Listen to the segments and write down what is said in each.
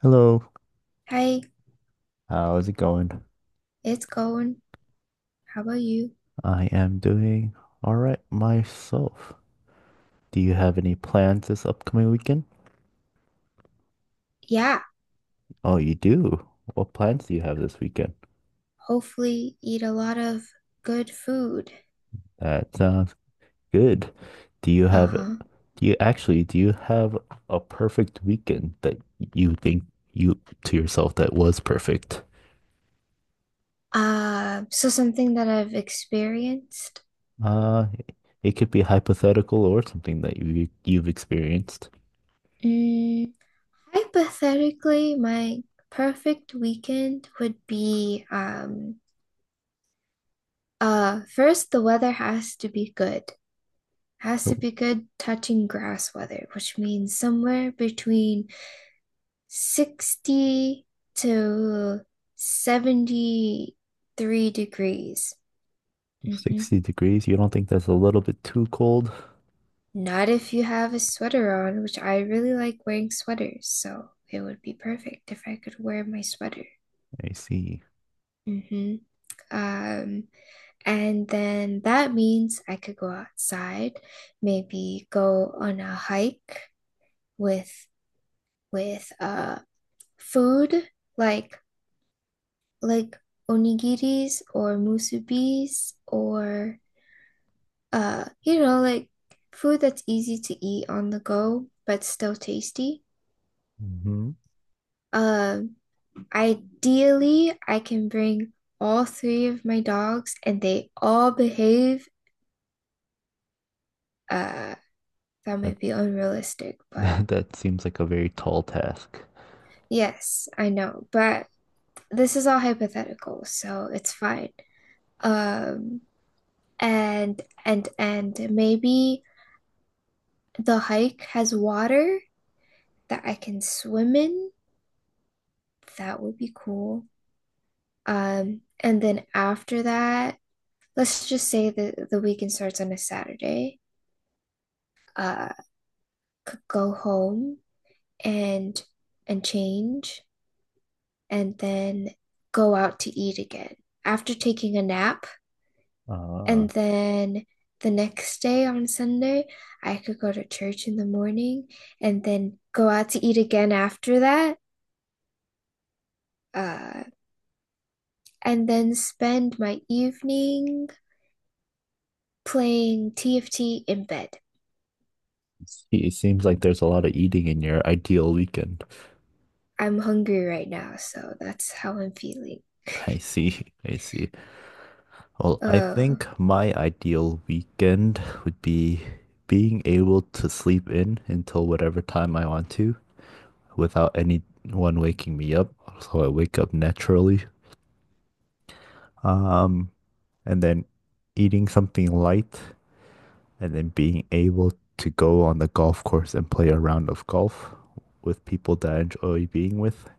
Hello, Hi, how's it going? it's going. How about you? I am doing all right myself. Do you have any plans this upcoming weekend? Yeah, Oh, you do. What plans do you have this weekend? hopefully eat a lot of good food. That sounds good. Do you have, Uh-huh. do you actually, do you have a perfect weekend that you think you to yourself that was perfect? So something that I've experienced. Uh, it could be hypothetical or something that you've experienced. Mm, Hypothetically, my perfect weekend would be first the weather has to be good. Has to be good touching grass weather, which means somewhere between 60 to 73 degrees. Hmm. 60 degrees. You don't think that's a little bit too cold? Not if you have a sweater on, which I really like wearing sweaters, so it would be perfect if I could wear my sweater. I see. Hmm. Um, and then that means I could go outside, maybe go on a hike with with food like like onigiris or musubis or like food that's easy to eat on the go, but still tasty. hmm Um, Ideally, I can bring all three of my dogs and they all behave. Uh, that That might be unrealistic, but that seems like a very tall task. yes, I know. But this is all hypothetical, so it's fine. Um, and maybe the hike has water that I can swim in. That would be cool. And then after that, let's just say that the weekend starts on a Saturday. Uh, could go home and and change and then go out to eat again after taking a nap. Ah, And then the next day on Sunday, I could go to church in the morning and then go out to eat again after that. Uh, and then spend my evening playing TFT in bed. I see. It seems like there's a lot of eating in your ideal weekend. I'm hungry right now, so that's how I'm feeling. I see. I see. Well, I Uh, think my ideal weekend would be being able to sleep in until whatever time I want to without anyone waking me up. So I wake up naturally. Um, and then eating something light and then being able to go on the golf course and play a round of golf with people that I enjoy being with,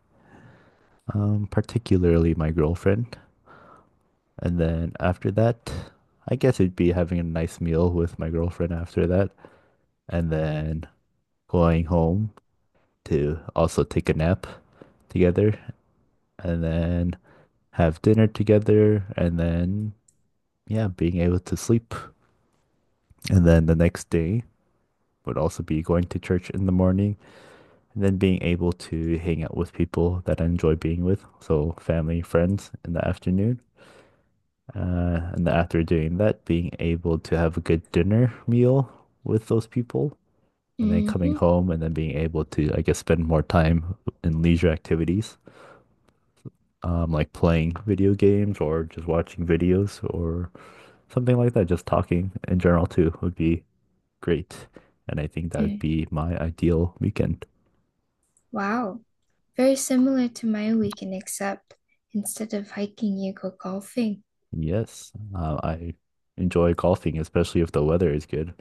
particularly my girlfriend. And then after that, I guess it'd be having a nice meal with my girlfriend after that, and then going home to also take a nap together, and then have dinner together, and then, yeah, being able to sleep. And then the next day would also be going to church in the morning and then being able to hang out with people that I enjoy being with, so family, friends in the afternoon. And then after doing that, being able to have a good dinner meal with those people, and then coming mm-hmm. home and then being able to, I guess, spend more time in leisure activities, like playing video games or just watching videos or something like that. Just talking in general too would be great. And I think that would Mm. be my ideal weekend. Wow. Very similar to my weekend, except instead of hiking, you go golfing. Yes, I enjoy golfing, especially if the weather is good.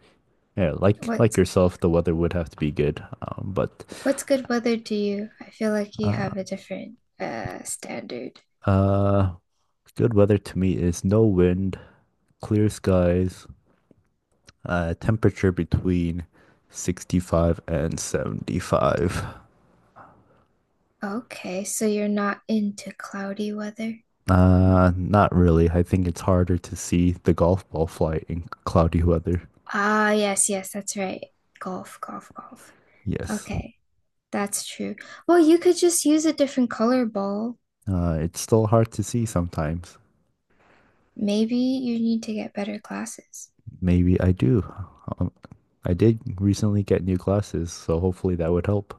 Yeah, like What's yourself, the weather would have to be good. But what's good weather to you? I feel like you uh, have a different standard. uh, good weather to me is no wind, clear skies, temperature between 65 and 75. Okay, so you're not into cloudy weather? Not really. I think it's harder to see the golf ball fly in cloudy weather. Ah, yes, yes, that's right. Golf, golf, golf. Yes. Okay, that's true. Well, you could just use a different color ball. It's still hard to see sometimes. Maybe you need to get better glasses. Maybe I do. Um, I did recently get new glasses, so hopefully that would help.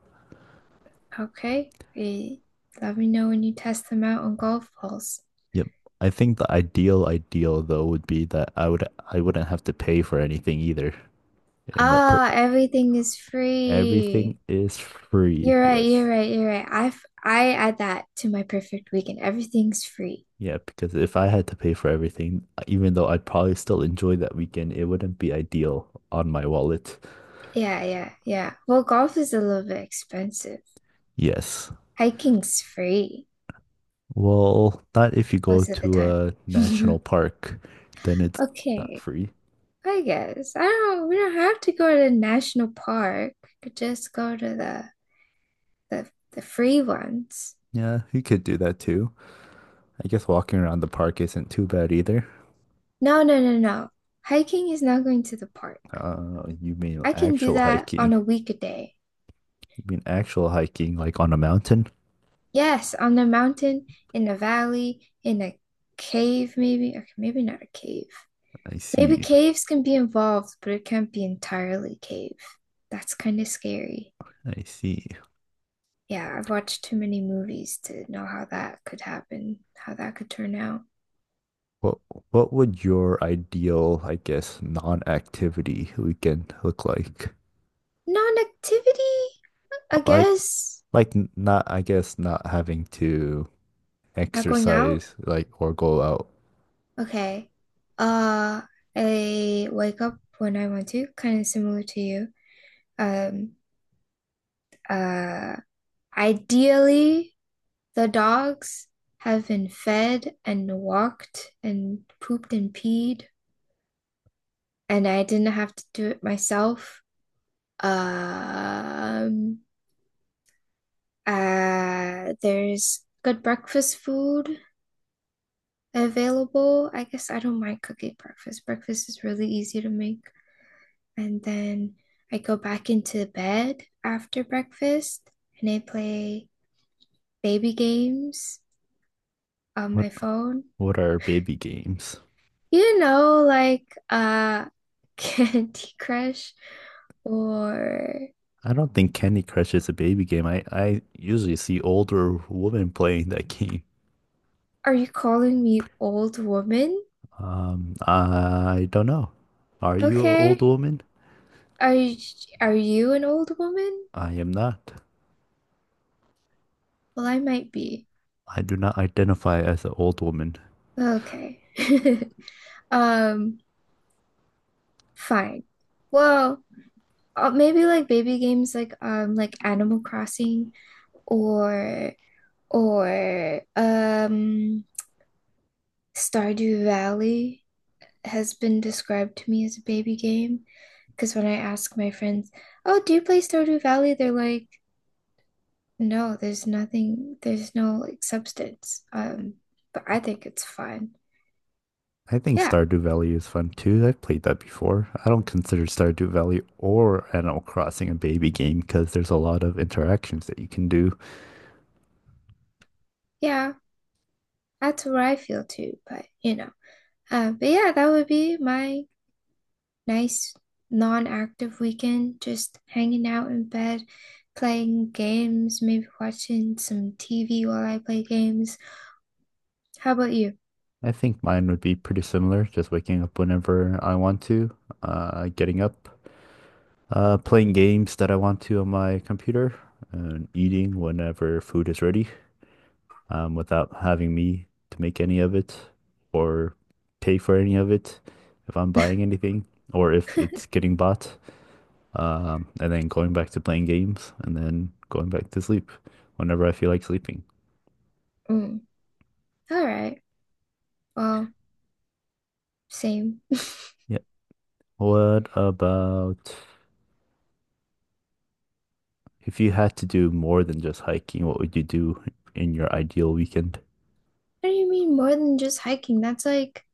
Okay. Let me know when you test them out on golf balls. Yep. I think the ideal though would be that I wouldn't have to pay for anything either. And that per Ah, everything is free. Everything is free. You're right, Yes. you're right, you're right. I add that to my perfect weekend. Everything's free. Yeah, because if I had to pay for everything, even though I'd probably still enjoy that weekend, it wouldn't be ideal on my wallet. Yeah, yeah, yeah. Well, golf is a little bit expensive. Yes. Hiking's free Well, not if you go most of the to time. a national park, then it's not Okay, free. I guess. I don't, We don't have to go to the national park. We could just go to the free ones. Yeah, you could do that too. I guess walking around the park isn't too bad either. No, no, no, no. Hiking is not going to the park. You mean I can do actual that on hiking? a weekday. You mean actual hiking, like on a mountain? Yes, on the mountain, in a valley, in a cave, maybe. Okay, maybe not a cave. I Maybe see. caves can be involved, but it can't be entirely cave. That's kind of scary. I see. Yeah, I've watched too many movies to know how that could happen, how that could turn out. What what would your ideal, I guess, non-activity weekend look like? Non-activity, I Like guess. Not, I guess, not having to Not going out. exercise, like or go out. Okay. Uh, I wake up when I want to, kind of similar to you. Um, uh, Ideally, the dogs have been fed and walked and pooped and peed, and I didn't have to do it myself. Um, there's good breakfast food available. I guess I don't mind cooking breakfast. Breakfast is really easy to make. And then I go back into bed after breakfast and I play baby games on What my phone. what are baby games? You know, like Candy Crush or I don't think Candy Crush is a baby game. I usually see older women playing that game. are you calling me old woman? I don't know. Are you an old Okay. woman? Are you are you an old woman? I am not. Well, I might be. I do not identify as an old woman. Okay. Um, Fine. Well, maybe like baby games like Animal Crossing or or Stardew Valley has been described to me as a baby game because when I ask my friends, "Oh, do you play Stardew Valley?" they're like, "No, there's nothing, there's no like substance." But I think it's fun. I think Yeah, Stardew Valley is fun too. I've played that before. I don't consider Stardew Valley or Animal Crossing a baby game because there's a lot of interactions that you can do. yeah, that's what I feel too, but you know. But yeah, that would be my nice non-active weekend, just hanging out in bed, playing games, maybe watching some TV while I play games. How about you? I think mine would be pretty similar, just waking up whenever I want to, getting up, playing games that I want to on my computer, and eating whenever food is ready. Without having me to make any of it or pay for any of it if I'm buying anything or if it's getting bought. And then going back to playing games and then going back to sleep whenever I feel like sleeping. Mm. All right. Well, same. Yeah. What about if you had to do more than just hiking, what would you do in your ideal weekend? What do you mean more than just hiking?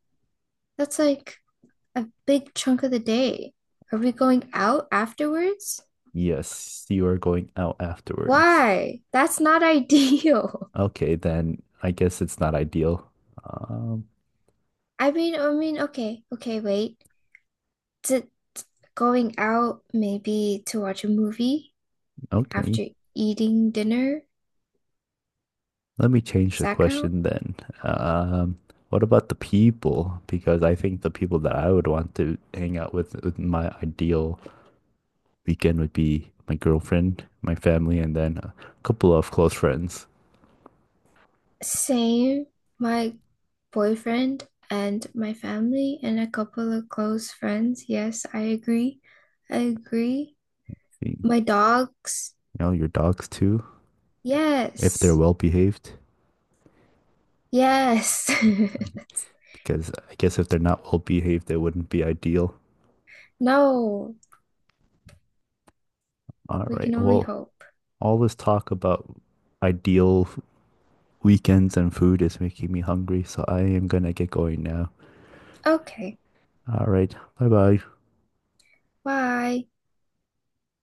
That's like a big chunk of the day. Are we going out afterwards? Yes, you are going out afterwards. Why? That's not ideal. Okay, then I guess it's not ideal. Um, I mean, okay, okay, wait. Is it going out maybe to watch a movie? okay. After eating dinner. Let me change Does the that count? question then. Um, what about the people? Because I think the people that I would want to hang out with my ideal weekend would be my girlfriend, my family, and then a couple of close friends. Same, my boyfriend and my family and a couple of close friends. Yes, I agree. I agree. You My dogs. know, your dogs too, if they're Yes. well behaved. Yes. Because I guess if they're not well behaved, they wouldn't be ideal. No, All we right. can only Well, hope. all this talk about ideal weekends and food is making me hungry, so I am gonna get going now. Okay, All right. Bye bye. bye.